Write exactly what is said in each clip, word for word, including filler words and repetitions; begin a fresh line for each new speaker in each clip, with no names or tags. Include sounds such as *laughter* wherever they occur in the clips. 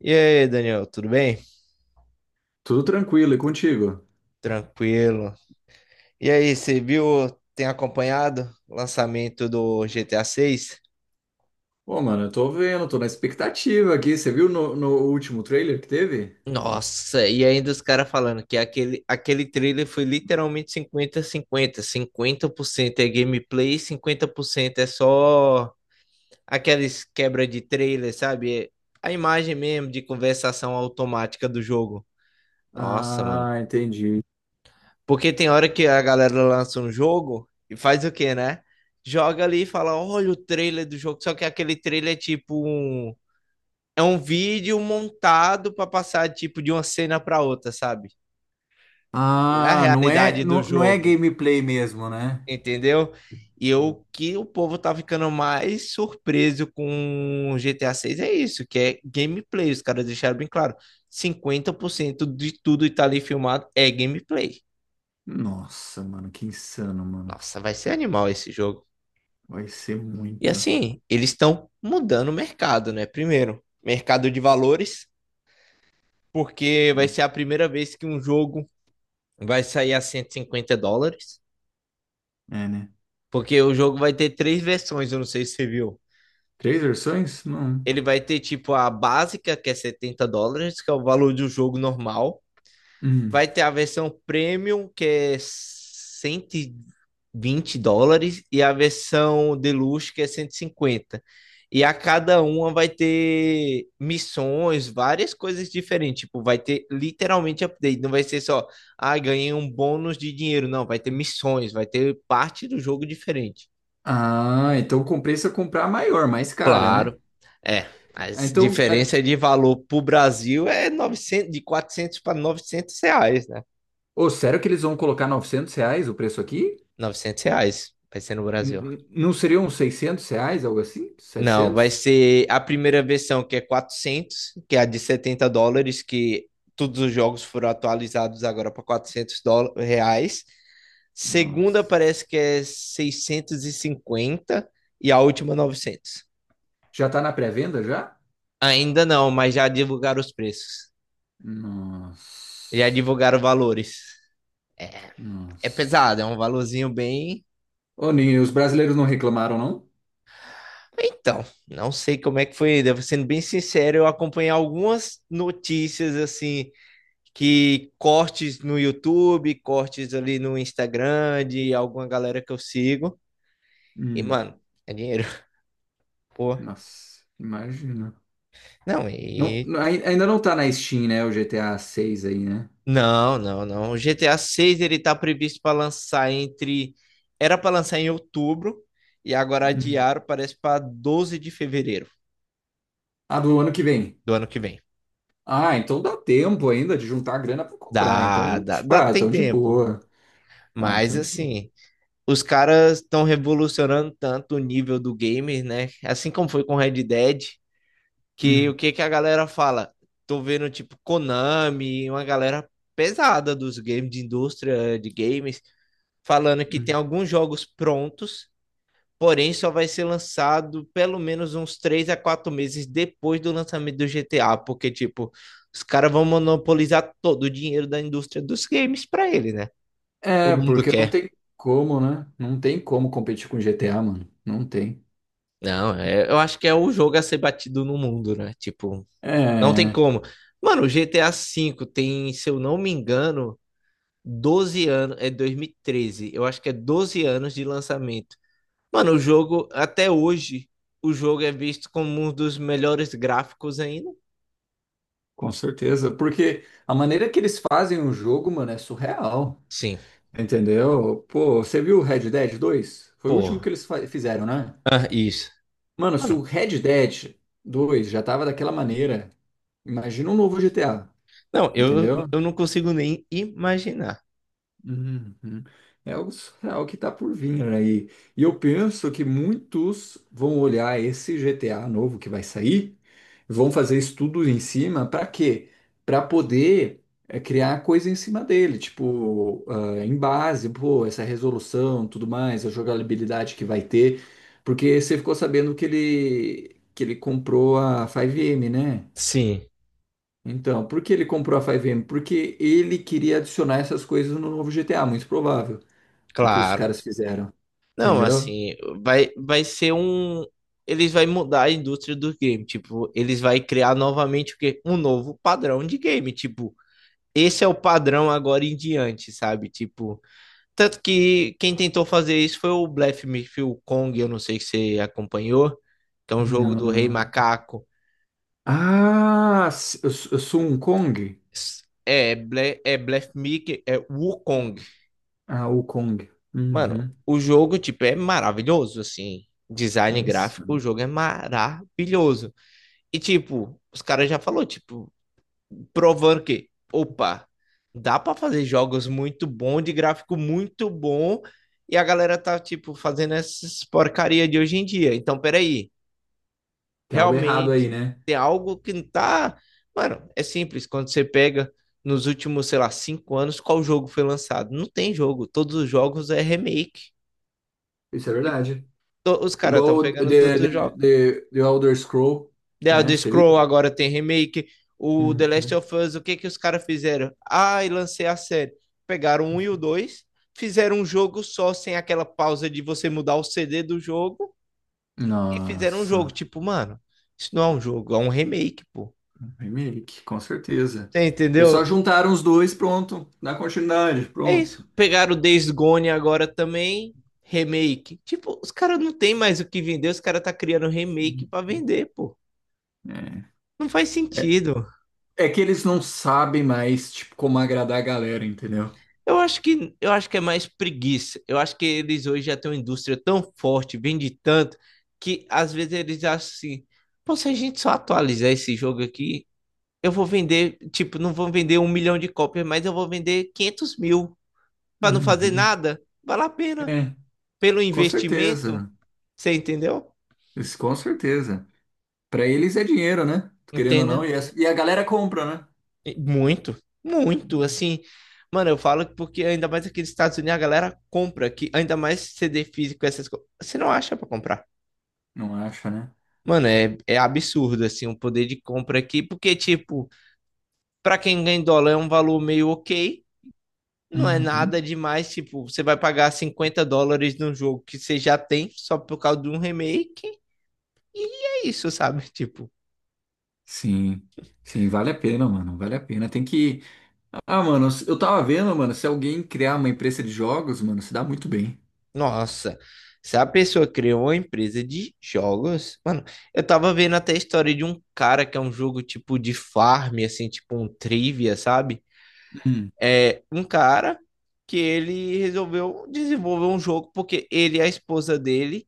E aí, Daniel, tudo bem?
Tudo tranquilo, e contigo?
Tranquilo. E aí, você viu, tem acompanhado o lançamento do G T A seis?
Pô, mano, eu tô vendo, tô na expectativa aqui. Você viu no, no último trailer que teve?
Nossa, e ainda os caras falando que aquele, aquele trailer foi literalmente cinquenta a cinquenta cinquenta por cento é gameplay, cinquenta por cento é só aquelas quebra de trailer, sabe? É a imagem mesmo de conversação automática do jogo. Nossa, mano.
Ah, entendi.
Porque tem hora que a galera lança um jogo e faz o quê, né? Joga ali e fala: olha o trailer do jogo. Só que aquele trailer é tipo um. É um vídeo montado para passar tipo de uma cena para outra, sabe? Não é a
Ah, não é,
realidade do
não, não é
jogo,
gameplay mesmo, né?
entendeu? E o que o povo tá ficando mais surpreso com o G T A seis é isso, que é gameplay. Os caras deixaram bem claro: cinquenta por cento de tudo que tá ali filmado é gameplay.
Nossa, mano, que insano, mano.
Nossa, vai ser animal esse jogo.
Vai ser
E
muito.
assim, eles estão mudando o mercado, né? Primeiro, mercado de valores, porque vai
É,
ser a primeira vez que um jogo vai sair a 150 dólares,
é, né?
porque o jogo vai ter três versões, eu não sei se você viu.
Três versões? Não.
Ele vai ter tipo a básica, que é setenta dólares, que é o valor do jogo normal.
Hum.
Vai ter a versão premium, que é cento e vinte dólares, e a versão deluxe, que é cento e cinquenta. E a cada uma vai ter missões, várias coisas diferentes. Tipo, vai ter literalmente update. Não vai ser só, ah, ganhei um bônus de dinheiro. Não, vai ter missões, vai ter parte do jogo diferente.
Ah, então compensa comprar a maior, mais cara, né?
Claro. É, a
Ah, então, aqui...
diferença de valor para o Brasil é novecentos, de quatrocentos para novecentos reais, né?
Ô, sério que eles vão colocar novecentos reais o preço aqui?
Novecentos reais vai ser no
N-
Brasil.
n- Não seriam seiscentos reais, algo assim?
Não, vai
Setecentos?
ser a primeira versão que é quatrocentos, que é a de setenta dólares, que todos os jogos foram atualizados agora para quatrocentos dóla- reais. Segunda
Nossa.
parece que é seiscentos e cinquenta e a última novecentos.
Já tá na pré-venda já?
Ainda não, mas já divulgaram os preços. Já
Nossa.
divulgaram valores. É
Nossa.
pesado, é um valorzinho bem.
Ô, Ninho, os brasileiros não reclamaram, não?
Então, não sei como é que foi. Devo sendo bem sincero, eu acompanhei algumas notícias assim, que cortes no YouTube, cortes ali no Instagram de alguma galera que eu sigo. E,
Hum,
mano, é dinheiro. *laughs* Pô.
nossa, imagina.
Não,
Não,
e.
não- ai- ainda não tá na Steam, né? O G T A seis aí, né?
Não, não, não. O G T A seis ele tá previsto para lançar entre. Era para lançar em outubro e agora
Hum.
adiaram, parece para doze de fevereiro
Ah, do ano que vem.
do ano que vem.
Ah, então dá tempo ainda de juntar a grana pra comprar.
Dá,
Então,
dá,
tipo,
dá,
ah,
tem
tão de
tempo.
boa. Ah,
Mas
tão de boa.
assim, os caras estão revolucionando tanto o nível do game, né? Assim como foi com Red Dead. Que o
Hum,
que que a galera fala? Tô vendo tipo Konami, uma galera pesada dos games, de indústria de games, falando que tem
hum.
alguns jogos prontos, porém só vai ser lançado pelo menos uns três a quatro meses depois do lançamento do G T A, porque tipo, os caras vão monopolizar todo o dinheiro da indústria dos games para ele, né?
É,
Todo mundo
porque não
quer.
tem como, né? Não tem como competir com G T A, mano. Não tem.
Não, é- eu acho que é o jogo a ser batido no mundo, né? Tipo, não tem
É.
como. Mano, o G T A vê tem, se eu não me engano, doze anos. É dois mil e treze, eu acho, que é doze anos de lançamento. Mano, o jogo, até hoje, o jogo é visto como um dos melhores gráficos ainda.
Com certeza, porque a maneira que eles fazem o jogo, mano, é surreal,
Sim,
entendeu? Pô, você viu o Red Dead dois? Foi o último que
porra.
eles fa- fizeram, né?
Ah, isso.
Mano, se o
Mano,
Red Dead dois já tava daquela maneira, imagina um novo G T A,
não, eu,
entendeu?
eu não consigo nem imaginar.
Uhum. É algo surreal que tá por vir aí. E eu penso que muitos vão olhar esse G T A novo que vai sair, vão fazer estudos em cima, para quê? Para poder é, criar coisa em cima dele, tipo, ah, em base, pô, essa resolução, tudo mais, a jogabilidade que vai ter, porque você ficou sabendo que ele que ele comprou a cinco M, né?
Sim,
Então, por que ele comprou a cinco M? Porque ele queria adicionar essas coisas no novo G T A, muito provável do que os
claro.
caras fizeram.
Não,
Entendeu?
assim, vai, vai ser um. Eles vai mudar a indústria do game. Tipo, eles vai criar novamente o quê? Um novo padrão de game. Tipo, esse é o padrão agora em diante, sabe? Tipo, tanto que quem tentou fazer isso foi o Blef Midfield Kong, eu não sei se você acompanhou, que é um jogo
Não,
do
não,
Rei
não.
Macaco.
Ah, s- eu, sou eu sou um Kong?
É, Ble, é Blef Mickey, é Wukong.
Ah, o Kong.
Mano,
Uhum.
o jogo, tipo, é maravilhoso, assim. Design
É isso.
gráfico, o jogo é maravilhoso. E, tipo, os caras já falou, tipo, provando que, opa, dá para fazer jogos muito bom, de gráfico muito bom, e a galera tá, tipo, fazendo essas porcaria de hoje em dia. Então, peraí.
Tem algo errado
Realmente
aí, né?
tem algo que não tá. Mano, é simples. Quando você pega nos últimos, sei lá, cinco anos, qual jogo foi lançado? Não tem jogo. Todos os jogos é remake.
Isso é
E
verdade.
to- os caras
Igual
estão
o
pegando
The,
todos
The,
os jogos.
The, The Elder Scroll,
The
né?
Elder
Você viu?
Scroll agora tem remake. O The Last
Uhum.
of Us, o que que os caras fizeram? Ah, e lancei a série. Pegaram um e o dois, fizeram um jogo só, sem aquela pausa de você mudar o C D do jogo, e fizeram um jogo.
Nossa.
Tipo, mano, isso não é um jogo, é um remake, pô.
Remake, com certeza.
Você
Eles
entendeu?
só juntaram os dois, pronto. Dá continuidade,
É isso.
pronto.
Pegaram o Days Gone agora também, remake. Tipo, os caras não tem mais o que vender, os caras tá criando remake pra vender, pô.
É.
Não faz sentido.
É que eles não sabem mais, tipo, como agradar a galera, entendeu?
Eu acho que eu acho que é mais preguiça. Eu acho que eles hoje já têm uma indústria tão forte, vende tanto, que às vezes eles acham assim, pô, se a gente só atualizar esse jogo aqui, eu vou vender, tipo, não vou vender um milhão de cópias, mas eu vou vender quinhentos mil. Pra não fazer
Uhum.
nada, vale a pena.
É.
Pelo
Com
investimento,
certeza.
você entendeu?
Isso, com certeza. Pra eles é dinheiro, né? Querendo ou não,
Entenda.
e, essa- e a galera compra, né?
E muito, muito, assim. Mano, eu falo que porque ainda mais aqui nos Estados Unidos a galera compra aqui, ainda mais C D físico, essas coisas. Você não acha pra comprar.
Não acha, né?
Mano, é, é absurdo, assim, o poder de compra aqui, porque, tipo, pra quem ganha em dólar é um valor meio ok, não é
Uhum.
nada demais, tipo, você vai pagar cinquenta dólares num jogo que você já tem só por causa de um remake, é isso, sabe? *laughs* Tipo.
Sim. Sim, vale a pena, mano. Vale a pena. Tem que. Ah, mano, eu tava vendo, mano, se alguém criar uma empresa de jogos, mano, se dá muito bem.
Nossa, se a pessoa criou uma empresa de jogos, mano, eu tava vendo até a história de um cara que é um jogo tipo de farm, assim, tipo um trivia, sabe?
Hum,
É um cara que ele resolveu desenvolver um jogo porque ele e a esposa dele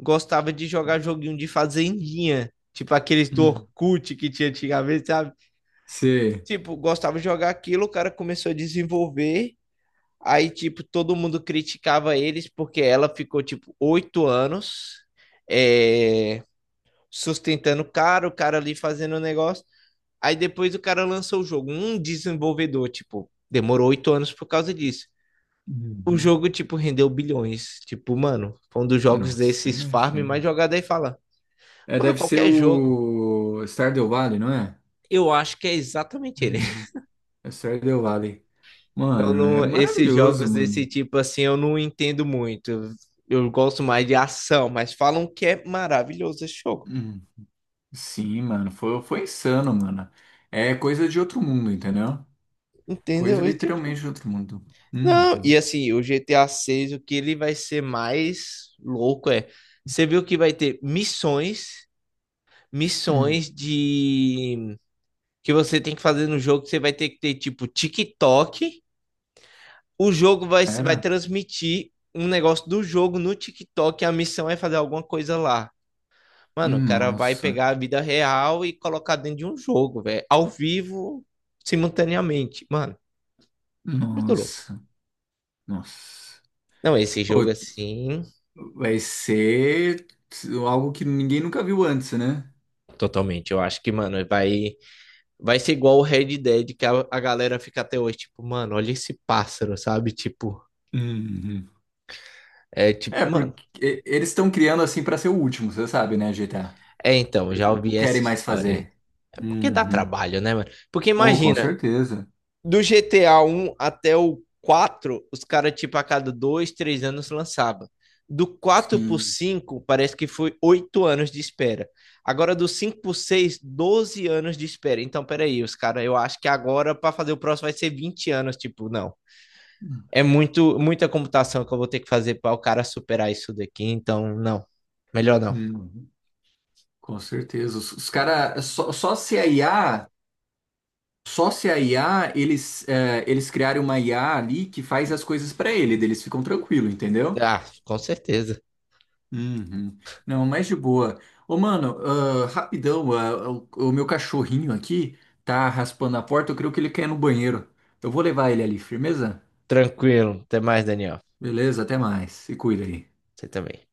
gostava de jogar joguinho de fazendinha, tipo aqueles do
hum.
Orkut que tinha antigamente, sabe?
Você.
Tipo, gostava de jogar aquilo, o cara começou a desenvolver. Aí, tipo, todo mundo criticava eles porque ela ficou, tipo, oito anos, é, sustentando o cara, o cara ali fazendo o negócio. Aí depois o cara lançou o jogo. Um desenvolvedor, tipo, demorou oito anos por causa disso. O
Uhum.
jogo, tipo, rendeu bilhões. Tipo, mano, foi um dos jogos
Nossa,
desses farm mais
imagina.
jogado aí fala.
É,
Mano,
deve ser
qualquer jogo.
o Stardew Valley, não é?
Eu acho que é exatamente ele.
Uhum. É Stardew Valley.
Eu
Mano, é
não, esses
maravilhoso,
jogos desse
mano.
tipo assim eu não entendo muito. Eu gosto mais de ação, mas falam que é maravilhoso esse jogo.
Sim, mano, foi, foi insano, mano. É coisa de outro mundo, entendeu? Coisa
Entendeu? E tipo,
literalmente de outro mundo.
não,
Uhum.
e assim, o G T A seis, o que ele vai ser mais louco é, você viu que vai ter missões,
Hum.
missões de que você tem que fazer no jogo, que você vai ter que ter tipo TikTok, o jogo vai vai
Era?
transmitir um negócio do jogo no TikTok, e a missão é fazer alguma coisa lá. Mano, o cara vai
Nossa,
pegar a vida real e colocar dentro de um jogo, velho. Ao vivo, simultaneamente. Mano, muito louco.
nossa, nossa.
Não, esse
Ô,
jogo assim,
vai ser algo que ninguém nunca viu antes, né?
totalmente. Eu acho que, mano, vai, vai ser igual o Red Dead, que a, a galera fica até hoje, tipo, mano, olha esse pássaro, sabe? Tipo,
Uhum.
é
É,
tipo, mano.
porque e- eles estão criando assim pra ser o último, você sabe, né, G T A?
É, então,
Eles
já
não
ouvi essa
querem mais
história aí.
fazer.
É porque dá
Uhum.
trabalho, né, mano? Porque
Oh, com
imagina,
certeza.
do G T A um até o quatro, os caras, tipo, a cada dois, três anos lançava. Do quatro pro
Sim.
cinco, parece que foi oito anos de espera. Agora, do cinco pro seis, doze anos de espera. Então, peraí, os caras, eu acho que agora, para fazer o próximo, vai ser vinte anos. Tipo, não. É muito, muita computação que eu vou ter que fazer para o cara superar isso daqui. Então, não. Melhor não.
Uhum. Com certeza. Os, os caras, só, só se a I A, só se a I A, eles, é, eles criaram uma I A ali que faz as coisas pra ele, daí eles ficam tranquilos, entendeu?
Ah, com certeza.
Uhum. Não, mas de boa. Ô, mano, ah, rapidão, ah, o, o meu cachorrinho aqui tá raspando a porta, eu creio que ele quer ir no banheiro. Eu vou levar ele ali, firmeza?
Tranquilo. Até mais, Daniel.
Beleza, até mais. Se cuida aí.
Você também.